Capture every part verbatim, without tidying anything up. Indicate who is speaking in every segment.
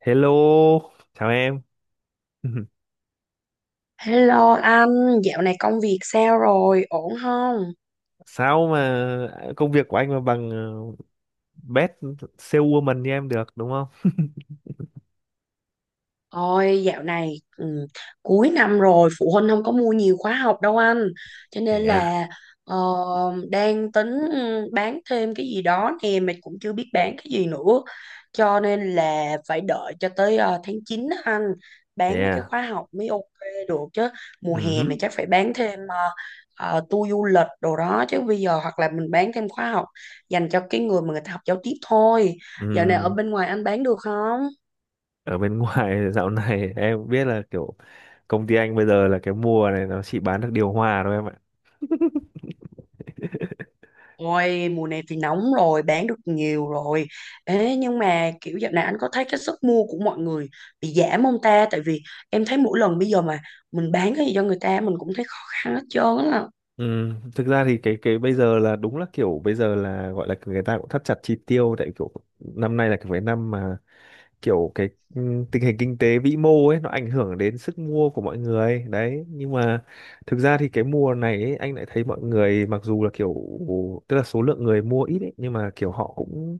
Speaker 1: Hello, chào em.
Speaker 2: Hello anh, dạo này công việc sao rồi, ổn không?
Speaker 1: Sao mà công việc của anh mà bằng uh, best saleswoman như em được đúng không?
Speaker 2: Ôi dạo này ừ, cuối năm rồi phụ huynh không có mua nhiều khóa học đâu anh, cho nên
Speaker 1: Yeah,
Speaker 2: là ờ, đang tính ừ, bán thêm cái gì đó nè, mình cũng chưa biết bán cái gì nữa, cho nên là phải đợi cho tới ờ, tháng chín á anh, bán mấy cái
Speaker 1: yeah.
Speaker 2: khóa học mới ok được chứ. Mùa hè này
Speaker 1: Ừm,
Speaker 2: chắc phải bán thêm uh, tour du lịch đồ đó, chứ bây giờ hoặc là mình bán thêm khóa học dành cho cái người mà người ta học giao tiếp thôi. Dạo này ở
Speaker 1: ừm.
Speaker 2: bên ngoài anh bán được không?
Speaker 1: Ở bên ngoài dạo này em biết là kiểu công ty anh bây giờ là cái mùa này nó chỉ bán được điều hòa thôi em ạ.
Speaker 2: Ôi, mùa này thì nóng rồi, bán được nhiều rồi. Ê, nhưng mà kiểu dạo này anh có thấy cái sức mua của mọi người bị giảm không ta? Tại vì em thấy mỗi lần bây giờ mà mình bán cái gì cho người ta mình cũng thấy khó khăn hết trơn á.
Speaker 1: Ừm, thực ra thì cái cái bây giờ là đúng là kiểu bây giờ là gọi là người ta cũng thắt chặt chi tiêu tại kiểu năm nay là cái cái năm mà kiểu cái ừ, tình hình kinh tế vĩ mô ấy nó ảnh hưởng đến sức mua của mọi người đấy, nhưng mà thực ra thì cái mùa này ấy, anh lại thấy mọi người mặc dù là kiểu tức là số lượng người mua ít ấy, nhưng mà kiểu họ cũng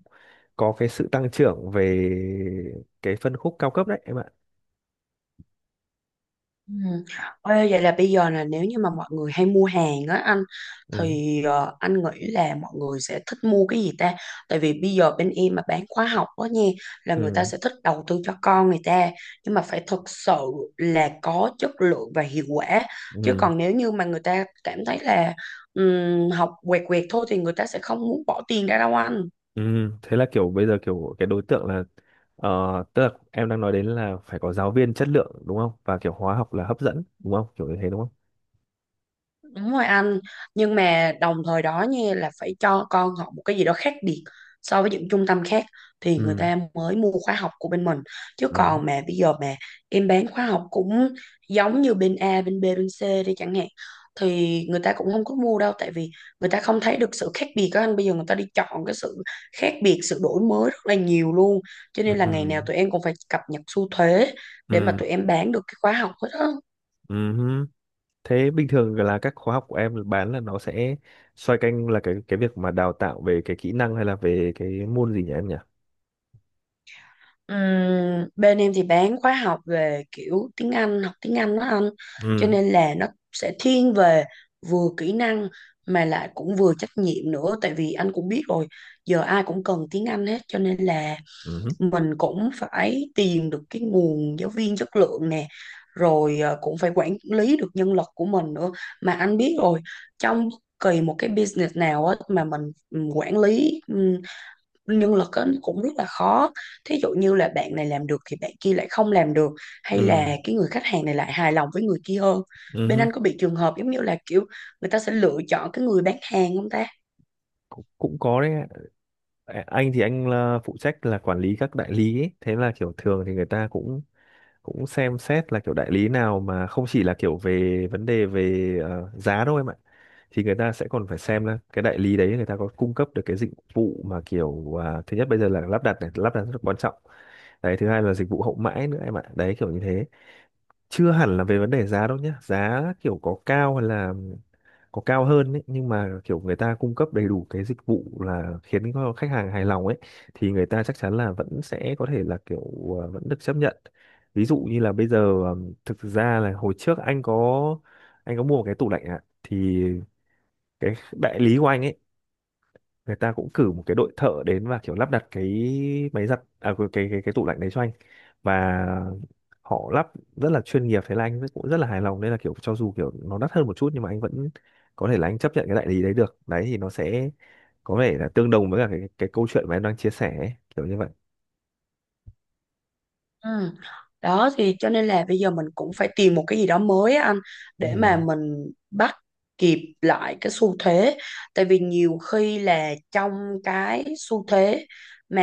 Speaker 1: có cái sự tăng trưởng về cái phân khúc cao cấp đấy em ạ.
Speaker 2: Ừ. Ê, vậy là bây giờ là nếu như mà mọi người hay mua hàng á anh,
Speaker 1: Ừ,
Speaker 2: thì ờ, anh nghĩ là mọi người sẽ thích mua cái gì ta? Tại vì bây giờ bên em mà bán khóa học đó nha, là người ta
Speaker 1: ừ,
Speaker 2: sẽ thích đầu tư cho con người ta, nhưng mà phải thực sự là có chất lượng và hiệu quả. Chứ
Speaker 1: ừ,
Speaker 2: còn nếu như mà người ta cảm thấy là ừm, học quẹt quẹt thôi thì người ta sẽ không muốn bỏ tiền ra đâu anh.
Speaker 1: ừ. Thế là kiểu bây giờ kiểu cái đối tượng là ờ, tức là em đang nói đến là phải có giáo viên chất lượng đúng không, và kiểu hóa học là hấp dẫn đúng không, kiểu như thế đúng không?
Speaker 2: Đúng rồi anh, nhưng mà đồng thời đó nha là phải cho con học một cái gì đó khác biệt so với những trung tâm khác thì người
Speaker 1: Ừ,
Speaker 2: ta mới mua khóa học của bên mình. Chứ
Speaker 1: ừ,
Speaker 2: còn mà bây giờ mà em bán khóa học cũng giống như bên A, bên B, bên C đi chẳng hạn, thì người ta cũng không có mua đâu, tại vì người ta không thấy được sự khác biệt đó anh. Bây giờ người ta đi chọn cái sự khác biệt, sự đổi mới rất là nhiều luôn. Cho
Speaker 1: ừ,
Speaker 2: nên là
Speaker 1: ừ,
Speaker 2: ngày nào tụi em cũng phải cập nhật xu thế để mà
Speaker 1: ừ.
Speaker 2: tụi em bán được cái khóa học hết á.
Speaker 1: Ừm, Thế bình thường là các khóa học của em bán là nó sẽ xoay quanh là cái cái việc mà đào tạo về cái kỹ năng hay là về cái môn gì nhỉ em nhỉ?
Speaker 2: Ừm, bên em thì bán khóa học về kiểu tiếng Anh, học tiếng Anh đó anh. Cho
Speaker 1: Ừ.
Speaker 2: nên là nó sẽ thiên về vừa kỹ năng mà lại cũng vừa trách nhiệm nữa. Tại vì anh cũng biết rồi, giờ ai cũng cần tiếng Anh hết. Cho nên là
Speaker 1: Ừ.
Speaker 2: mình cũng phải tìm được cái nguồn giáo viên chất lượng nè. Rồi ờ, cũng phải quản lý được nhân lực của mình nữa. Mà anh biết rồi, trong bất kỳ một cái business nào á, mà mình ừ, quản lý nhân lực á, nó cũng rất là khó, thí dụ như là bạn này làm được thì bạn kia lại không làm được, hay
Speaker 1: Ừ.
Speaker 2: là cái người khách hàng này lại hài lòng với người kia hơn. Bên
Speaker 1: Ừ.
Speaker 2: anh có bị trường hợp giống như là kiểu người ta sẽ lựa chọn cái người bán hàng không ta?
Speaker 1: Cũng, cũng có đấy ạ. À, anh thì anh là phụ trách là quản lý các đại lý ấy. Thế là kiểu thường thì người ta cũng cũng xem xét là kiểu đại lý nào mà không chỉ là kiểu về vấn đề về ờ, giá đâu em ạ. Thì người ta sẽ còn phải xem là cái đại lý đấy người ta có cung cấp được cái dịch vụ mà kiểu à, thứ nhất bây giờ là lắp đặt này, lắp đặt rất là quan trọng đấy, thứ hai là dịch vụ hậu mãi nữa em ạ, đấy kiểu như thế, chưa hẳn là về vấn đề giá đâu nhé, giá kiểu có cao hay là có cao hơn ấy, nhưng mà kiểu người ta cung cấp đầy đủ cái dịch vụ là khiến cho khách hàng hài lòng ấy thì người ta chắc chắn là vẫn sẽ có thể là kiểu ờ, vẫn được chấp nhận. Ví dụ như là bây giờ ờm, thực ra là hồi trước anh có anh có mua một cái tủ lạnh ạ. Thì cái đại lý của anh ấy, người ta cũng cử một cái đội thợ đến và kiểu lắp đặt cái máy giặt à cái cái cái, cái tủ lạnh đấy cho anh, và họ lắp rất là chuyên nghiệp, thế là anh cũng rất là hài lòng, nên là kiểu cho dù kiểu nó đắt hơn một chút nhưng mà anh vẫn có thể là anh chấp nhận cái đại lý đấy được, đấy thì nó sẽ có vẻ là tương đồng với cả cái cái câu chuyện mà em đang chia sẻ ấy, kiểu như vậy.
Speaker 2: Ừ. Đó thì cho nên là bây giờ mình cũng phải tìm một cái gì đó mới á anh, để mà
Speaker 1: Ừ,
Speaker 2: mình bắt kịp lại cái xu thế, tại vì nhiều khi là trong cái xu thế mà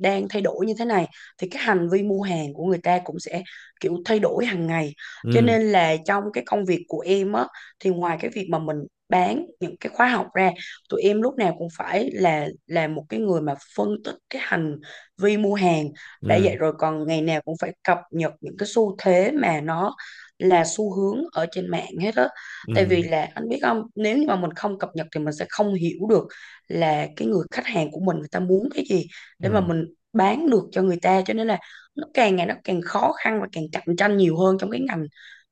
Speaker 2: đang thay đổi như thế này thì cái hành vi mua hàng của người ta cũng sẽ kiểu thay đổi hàng ngày. Cho
Speaker 1: ừ,
Speaker 2: nên là trong cái công việc của em á, thì ngoài cái việc mà mình bán những cái khóa học ra, tụi em lúc nào cũng phải là là một cái người mà phân tích cái hành vi mua hàng. Đã
Speaker 1: ừ,
Speaker 2: vậy rồi còn ngày nào cũng phải cập nhật những cái xu thế mà nó là xu hướng ở trên mạng hết á, tại
Speaker 1: ừ,
Speaker 2: vì là anh biết không, nếu như mà mình không cập nhật thì mình sẽ không hiểu được là cái người khách hàng của mình người ta muốn cái gì, để mà
Speaker 1: ừ.
Speaker 2: mình bán được cho người ta. Cho nên là nó càng ngày nó càng khó khăn và càng cạnh tranh nhiều hơn trong cái ngành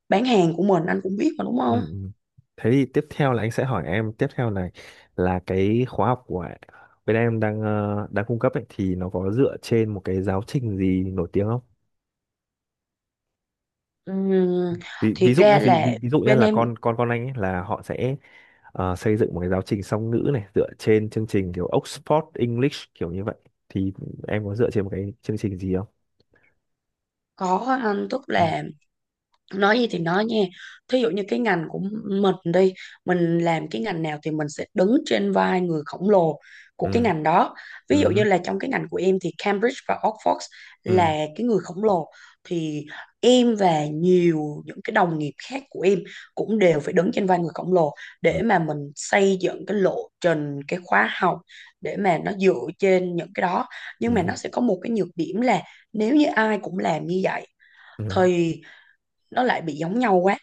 Speaker 2: bán hàng của mình, anh cũng biết mà đúng không?
Speaker 1: Ừ. Ừ. Thế thì tiếp theo là anh sẽ hỏi em tiếp theo này là cái khóa học của bên em đang ờ, đang cung cấp ấy, thì nó có dựa trên một cái giáo trình gì nổi tiếng không?
Speaker 2: Ừm,
Speaker 1: Ví,
Speaker 2: thiệt
Speaker 1: ví dụ nhé,
Speaker 2: ra
Speaker 1: ví,
Speaker 2: là
Speaker 1: ví, ví dụ nhé,
Speaker 2: bên
Speaker 1: là
Speaker 2: em
Speaker 1: con con con anh ấy là họ sẽ ờ, xây dựng một cái giáo trình song ngữ này dựa trên chương trình kiểu Oxford English kiểu như vậy, thì em có dựa trên một cái chương trình gì không?
Speaker 2: có anh, tức
Speaker 1: Ừ.
Speaker 2: là nói gì thì nói nha, thí dụ như cái ngành của mình đi, mình làm cái ngành nào thì mình sẽ đứng trên vai người khổng lồ của cái
Speaker 1: Ừ.
Speaker 2: ngành đó. Ví dụ như
Speaker 1: Ừ.
Speaker 2: là trong cái ngành của em thì Cambridge và Oxford là
Speaker 1: Ừ.
Speaker 2: cái người khổng lồ, thì em và nhiều những cái đồng nghiệp khác của em cũng đều phải đứng trên vai người khổng lồ để
Speaker 1: Ừ.
Speaker 2: mà mình xây dựng cái lộ trình cái khóa học, để mà nó dựa trên những cái đó. Nhưng mà
Speaker 1: Ừ.
Speaker 2: nó sẽ có một cái nhược điểm là nếu như ai cũng làm như vậy
Speaker 1: Ừ.
Speaker 2: thì nó lại bị giống nhau quá.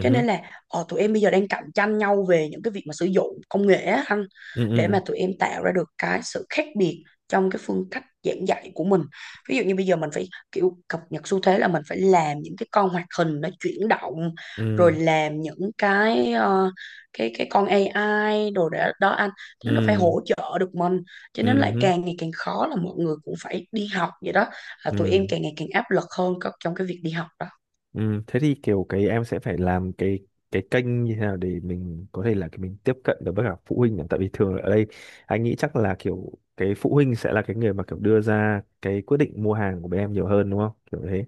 Speaker 2: Cho nên là ờ, tụi em bây giờ đang cạnh tranh nhau về những cái việc mà sử dụng công nghệ á anh,
Speaker 1: Ừ.
Speaker 2: để mà
Speaker 1: Ừ.
Speaker 2: tụi em tạo ra được cái sự khác biệt trong cái phương cách giảng dạy của mình. Ví dụ như bây giờ mình phải kiểu cập nhật xu thế là mình phải làm những cái con hoạt hình nó chuyển động, rồi
Speaker 1: Ừ.
Speaker 2: làm những cái ờ, cái cái con a i đồ đó, đó anh, thế nó phải
Speaker 1: Ừ.
Speaker 2: hỗ trợ được mình. Cho
Speaker 1: Ừ.
Speaker 2: nên lại
Speaker 1: Ừ.
Speaker 2: càng ngày càng khó, là mọi người cũng phải đi học vậy đó, là
Speaker 1: Ừ.
Speaker 2: tụi em càng ngày càng áp lực hơn có- trong cái việc đi học đó.
Speaker 1: Ừ, thế thì kiểu cái em sẽ phải làm cái cái kênh như thế nào để mình có thể là cái mình tiếp cận được với cả phụ huynh nhỉ? Tại vì thường ở đây anh nghĩ chắc là kiểu cái phụ huynh sẽ là cái người mà kiểu đưa ra cái quyết định mua hàng của bên em nhiều hơn đúng không, kiểu thế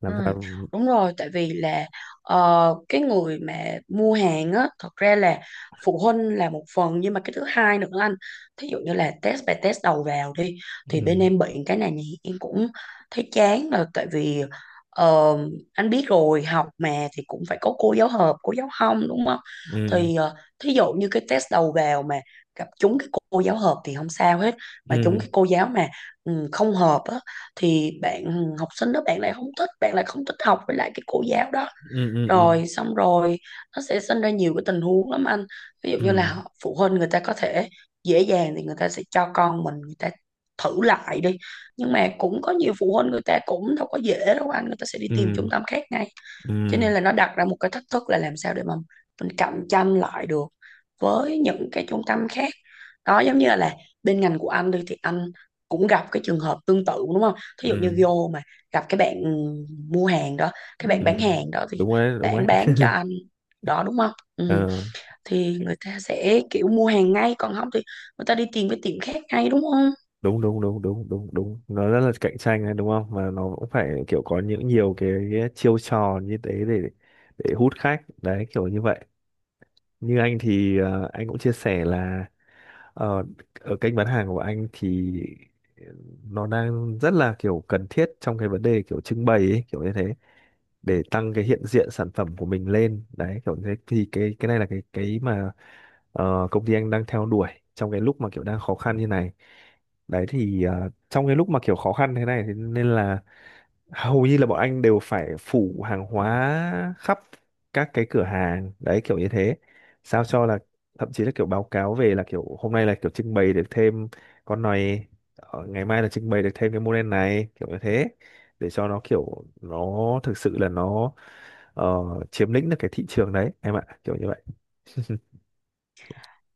Speaker 1: làm
Speaker 2: Ừ,
Speaker 1: sao.
Speaker 2: đúng rồi, tại vì là ờ, cái người mà mua hàng á thật ra là phụ huynh là một phần, nhưng mà cái thứ hai nữa anh, thí dụ như là test bài test đầu vào đi, thì bên
Speaker 1: Ừ,
Speaker 2: em bị cái này nhỉ, em cũng thấy chán, là tại vì ờ, anh biết rồi học mà, thì cũng phải có cô giáo hợp cô giáo không đúng không?
Speaker 1: ừ,
Speaker 2: Thì ờ, thí dụ như cái test đầu vào mà gặp trúng cái cô giáo hợp thì không sao hết, mà trúng
Speaker 1: ừ,
Speaker 2: cái cô giáo mà ừ, không hợp á, thì bạn ừ, học sinh đó bạn lại không thích, bạn lại không thích học với lại cái cô giáo đó,
Speaker 1: ừ, ừ, ừ,
Speaker 2: rồi xong rồi nó sẽ sinh ra nhiều cái tình huống lắm anh. Ví dụ như
Speaker 1: ừ,
Speaker 2: là phụ huynh người ta có thể dễ dàng thì người ta sẽ cho con mình người ta thử lại đi, nhưng mà cũng có nhiều phụ huynh người ta cũng đâu có dễ đâu anh, người ta sẽ đi tìm
Speaker 1: ừ,
Speaker 2: trung tâm khác ngay.
Speaker 1: ừ,
Speaker 2: Cho nên là nó đặt ra một cái thách thức là làm sao để mà mình cạnh tranh lại được với những cái trung tâm khác. Đó giống như là, là bên ngành của anh đi thì anh cũng gặp cái trường hợp tương tự đúng không? Thí
Speaker 1: ừ,
Speaker 2: dụ như
Speaker 1: ừ.
Speaker 2: vô mà gặp cái bạn mua hàng đó, cái bạn
Speaker 1: Ừ.
Speaker 2: bán hàng đó thì
Speaker 1: Đúng rồi đấy, đúng rồi
Speaker 2: bạn
Speaker 1: đấy.
Speaker 2: bán cho anh đó đúng không, ừ. Thì người ta sẽ kiểu mua hàng ngay, còn không thì người ta đi tìm cái tiệm khác ngay đúng không?
Speaker 1: Đúng, đúng, đúng, đúng, đúng, đúng, nó rất là cạnh tranh đấy đúng không, mà nó cũng phải kiểu có những nhiều cái, chiêu trò như thế để để hút khách đấy kiểu như vậy. Như anh thì ờ, anh cũng chia sẻ là ờ, ở kênh bán hàng của anh thì ờ, nó đang rất là kiểu cần thiết trong cái vấn đề kiểu trưng bày ấy, kiểu như thế để tăng cái hiện diện sản phẩm của mình lên đấy, kiểu thế thì cái cái này là cái cái mà ờ, công ty anh đang theo đuổi trong cái lúc mà kiểu đang khó khăn như này. Đấy thì ờ, trong cái lúc mà kiểu khó khăn thế này thì nên là hầu như là bọn anh đều phải phủ hàng hóa khắp các cái cửa hàng đấy kiểu như thế, sao cho là thậm chí là kiểu báo cáo về là kiểu hôm nay là kiểu trưng bày được thêm con này, ờ, ngày mai là trưng bày được thêm cái model này kiểu như thế, để cho nó kiểu nó thực sự là nó ờ, chiếm lĩnh được cái thị trường đấy em ạ, kiểu như vậy.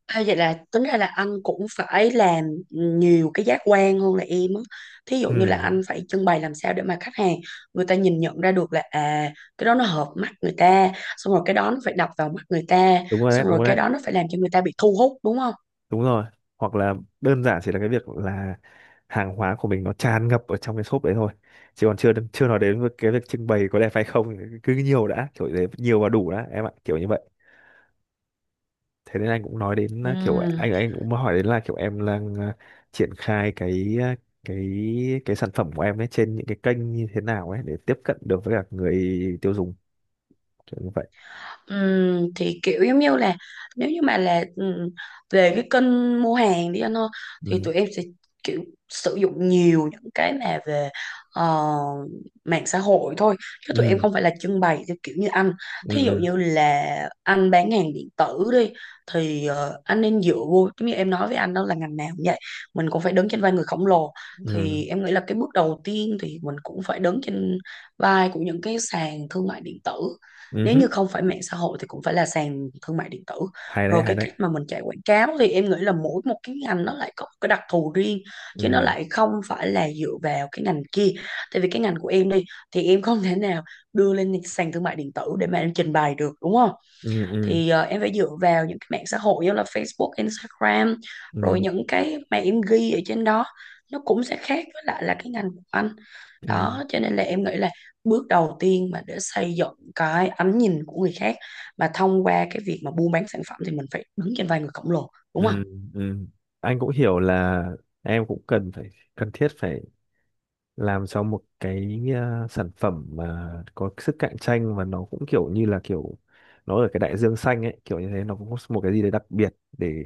Speaker 2: À, vậy là tính ra là anh cũng phải làm nhiều cái giác quan hơn là em á. Thí dụ như là
Speaker 1: Ừ,
Speaker 2: anh phải trưng bày làm sao để mà khách hàng người ta nhìn nhận ra được là à, cái đó nó hợp mắt người ta, xong rồi cái đó nó phải đập vào mắt người ta,
Speaker 1: đúng rồi đấy,
Speaker 2: xong
Speaker 1: đúng
Speaker 2: rồi
Speaker 1: rồi
Speaker 2: cái
Speaker 1: đấy,
Speaker 2: đó nó phải làm cho người ta bị thu hút đúng không?
Speaker 1: đúng rồi. Hoặc là đơn giản chỉ là cái việc là hàng hóa của mình nó tràn ngập ở trong cái shop đấy thôi, chứ còn chưa chưa nói đến với cái việc trưng bày có đẹp hay không, cứ nhiều đã kiểu thế, nhiều và đủ đã em ạ kiểu như vậy. Thế nên anh cũng nói đến uh, kiểu
Speaker 2: Ừ.
Speaker 1: anh anh cũng hỏi đến là kiểu em đang uh, triển khai cái uh, cái cái sản phẩm của em ấy trên những cái kênh như thế nào ấy để tiếp cận được với cả người tiêu dùng kiểu như vậy.
Speaker 2: Ừm, thì kiểu giống như là nếu như mà là ừm, về cái kênh mua hàng đi anh ơi, thì
Speaker 1: Ừ,
Speaker 2: tụi em sẽ kiểu sử dụng nhiều những cái mà về ờ, mạng xã hội thôi, chứ tụi em
Speaker 1: ừ,
Speaker 2: không phải là trưng bày theo kiểu như anh.
Speaker 1: ừ,
Speaker 2: Thí dụ
Speaker 1: ừ,
Speaker 2: như là anh bán hàng điện tử đi, thì ờ, anh nên dựa vô giống như em nói với anh đó, là ngành nào cũng vậy, mình cũng phải đứng trên vai người khổng lồ.
Speaker 1: ừ,
Speaker 2: Thì em nghĩ là cái bước đầu tiên thì mình cũng phải đứng trên vai của những cái sàn thương mại điện tử,
Speaker 1: ừ
Speaker 2: nếu
Speaker 1: hứ.
Speaker 2: như không phải mạng xã hội thì cũng phải là sàn thương mại điện tử.
Speaker 1: Hay đấy,
Speaker 2: Rồi
Speaker 1: hay
Speaker 2: cái
Speaker 1: đấy.
Speaker 2: cách mà mình chạy quảng cáo thì em nghĩ là mỗi một cái ngành nó lại có một cái đặc thù riêng, chứ nó
Speaker 1: Ừ,
Speaker 2: lại không phải là dựa vào cái ngành kia. Tại vì cái ngành của em đi thì em không thể nào đưa lên sàn thương mại điện tử để mà em trình bày được đúng không?
Speaker 1: ừ, ừ,
Speaker 2: Thì ờ, em phải dựa vào những cái mạng xã hội như là Facebook, Instagram, rồi
Speaker 1: ừ,
Speaker 2: những cái mà em ghi ở trên đó nó cũng sẽ khác với lại là cái ngành của anh.
Speaker 1: ừ.
Speaker 2: Đó cho nên là em nghĩ là bước đầu tiên mà để xây dựng cái ánh nhìn của người khác mà thông qua cái việc mà buôn bán sản phẩm thì mình phải đứng trên vai người khổng lồ đúng không?
Speaker 1: Ừ, ừ. Anh cũng hiểu là em cũng cần phải cần thiết phải làm cho một cái ờ, sản phẩm mà có sức cạnh tranh và nó cũng kiểu như là kiểu nó ở cái đại dương xanh ấy kiểu như thế, nó cũng có một cái gì đấy đặc biệt để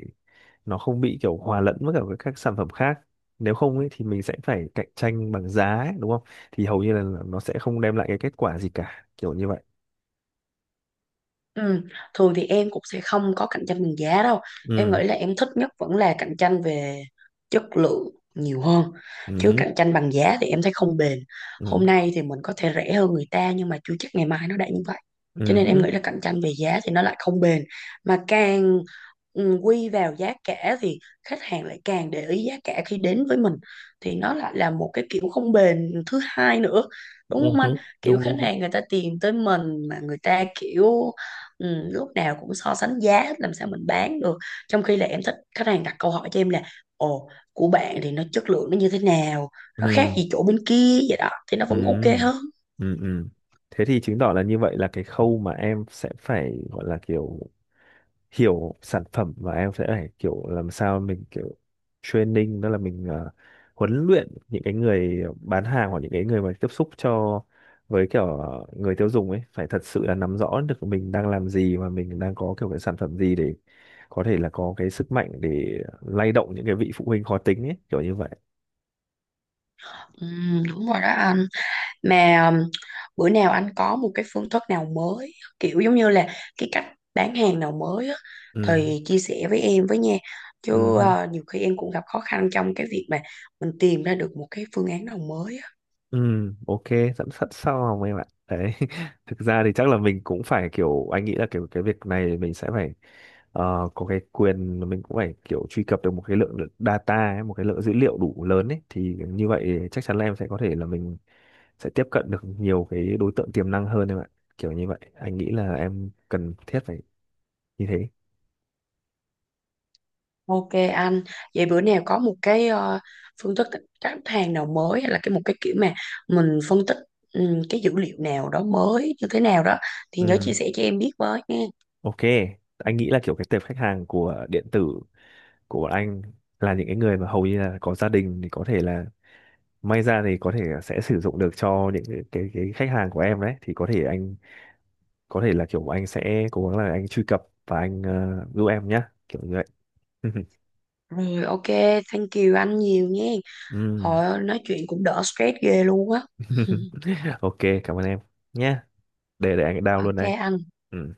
Speaker 1: nó không bị kiểu hòa lẫn với cả với các sản phẩm khác, nếu không ấy thì mình sẽ phải cạnh tranh bằng giá ấy, đúng không, thì hầu như là nó sẽ không đem lại cái kết quả gì cả kiểu như vậy.
Speaker 2: Ừ. Thường thì em cũng sẽ không có cạnh tranh bằng giá đâu. Em
Speaker 1: Ừ,
Speaker 2: nghĩ là em thích nhất vẫn là cạnh tranh về chất lượng nhiều hơn.
Speaker 1: ừ
Speaker 2: Chứ
Speaker 1: hứ,
Speaker 2: cạnh tranh bằng giá thì em thấy không bền.
Speaker 1: ừ,
Speaker 2: Hôm nay thì mình có thể rẻ hơn người ta nhưng mà chưa chắc ngày mai nó đã như vậy. Cho
Speaker 1: ừ
Speaker 2: nên em
Speaker 1: hứ,
Speaker 2: nghĩ là cạnh tranh về giá thì nó lại không bền. Mà càng ừ, quy vào giá cả thì khách hàng lại càng để ý giá cả khi đến với mình. Thì nó lại là một cái kiểu không bền thứ hai nữa. Đúng
Speaker 1: ừ
Speaker 2: không
Speaker 1: hứ.
Speaker 2: anh? Kiểu
Speaker 1: Đúng,
Speaker 2: khách
Speaker 1: đúng, đúng.
Speaker 2: hàng người ta tìm tới mình mà người ta kiểu ừ, lúc nào cũng so sánh giá hết làm sao mình bán được, trong khi là em thích khách hàng đặt câu hỏi cho em là ồ, của bạn thì nó chất lượng nó như thế nào, nó khác
Speaker 1: Ừ.
Speaker 2: gì chỗ bên kia, vậy đó thì nó vẫn ok
Speaker 1: Ừ,
Speaker 2: hơn.
Speaker 1: ừ, ừ. Thế thì chứng tỏ là như vậy là cái khâu mà em sẽ phải gọi là kiểu hiểu sản phẩm, và em sẽ phải kiểu làm sao mình kiểu training, đó là mình ờ, huấn luyện những cái người bán hàng hoặc những cái người mà tiếp xúc cho với kiểu người tiêu dùng ấy phải thật sự là nắm rõ được mình đang làm gì và mình đang có kiểu cái sản phẩm gì để có thể là có cái sức mạnh để lay động những cái vị phụ huynh khó tính ấy kiểu như vậy.
Speaker 2: Ừ, đúng rồi đó anh, mà um, bữa nào anh có một cái phương thức nào mới, kiểu giống như là cái cách bán hàng nào mới á,
Speaker 1: Ừ.
Speaker 2: thì chia sẻ với em với nha, chứ
Speaker 1: Ừ.
Speaker 2: ờ, nhiều khi em cũng gặp khó khăn trong cái việc mà mình tìm ra được một cái phương án nào mới á.
Speaker 1: Ừ, ok, dẫn sẵn sau hồng em ạ. Đấy, thực ra thì chắc là mình cũng phải kiểu, anh nghĩ là kiểu cái việc này mình sẽ phải ờ, có cái quyền, mình cũng phải kiểu truy cập được một cái lượng data ấy, một cái lượng dữ liệu đủ lớn ấy. Thì như vậy chắc chắn là em sẽ có thể là mình sẽ tiếp cận được nhiều cái đối tượng tiềm năng hơn em ạ. Kiểu như vậy, anh nghĩ là em cần thiết phải như thế.
Speaker 2: Ok anh, vậy bữa nào có một cái ờ, phương thức khách hàng nào mới, hay là cái một cái kiểu mà mình phân tích ừm, cái dữ liệu nào đó mới như thế nào đó, thì nhớ
Speaker 1: Ừ,
Speaker 2: chia sẻ cho em biết với nha.
Speaker 1: ok, anh nghĩ là kiểu cái tệp khách hàng của điện tử của bọn anh là những cái người mà hầu như là có gia đình, thì có thể là may ra thì có thể sẽ sử dụng được cho những cái cái, cái khách hàng của em đấy, thì có thể anh có thể là kiểu anh sẽ cố gắng là anh truy cập và anh ờ, giúp em nhá kiểu như vậy.
Speaker 2: Rồi ok, thank you anh nhiều nha.
Speaker 1: Ừm.
Speaker 2: Thôi nói chuyện cũng đỡ stress ghê luôn á.
Speaker 1: Ok, cảm ơn em nhé, để để anh down luôn
Speaker 2: Ok
Speaker 1: đây.
Speaker 2: anh.
Speaker 1: Ừ.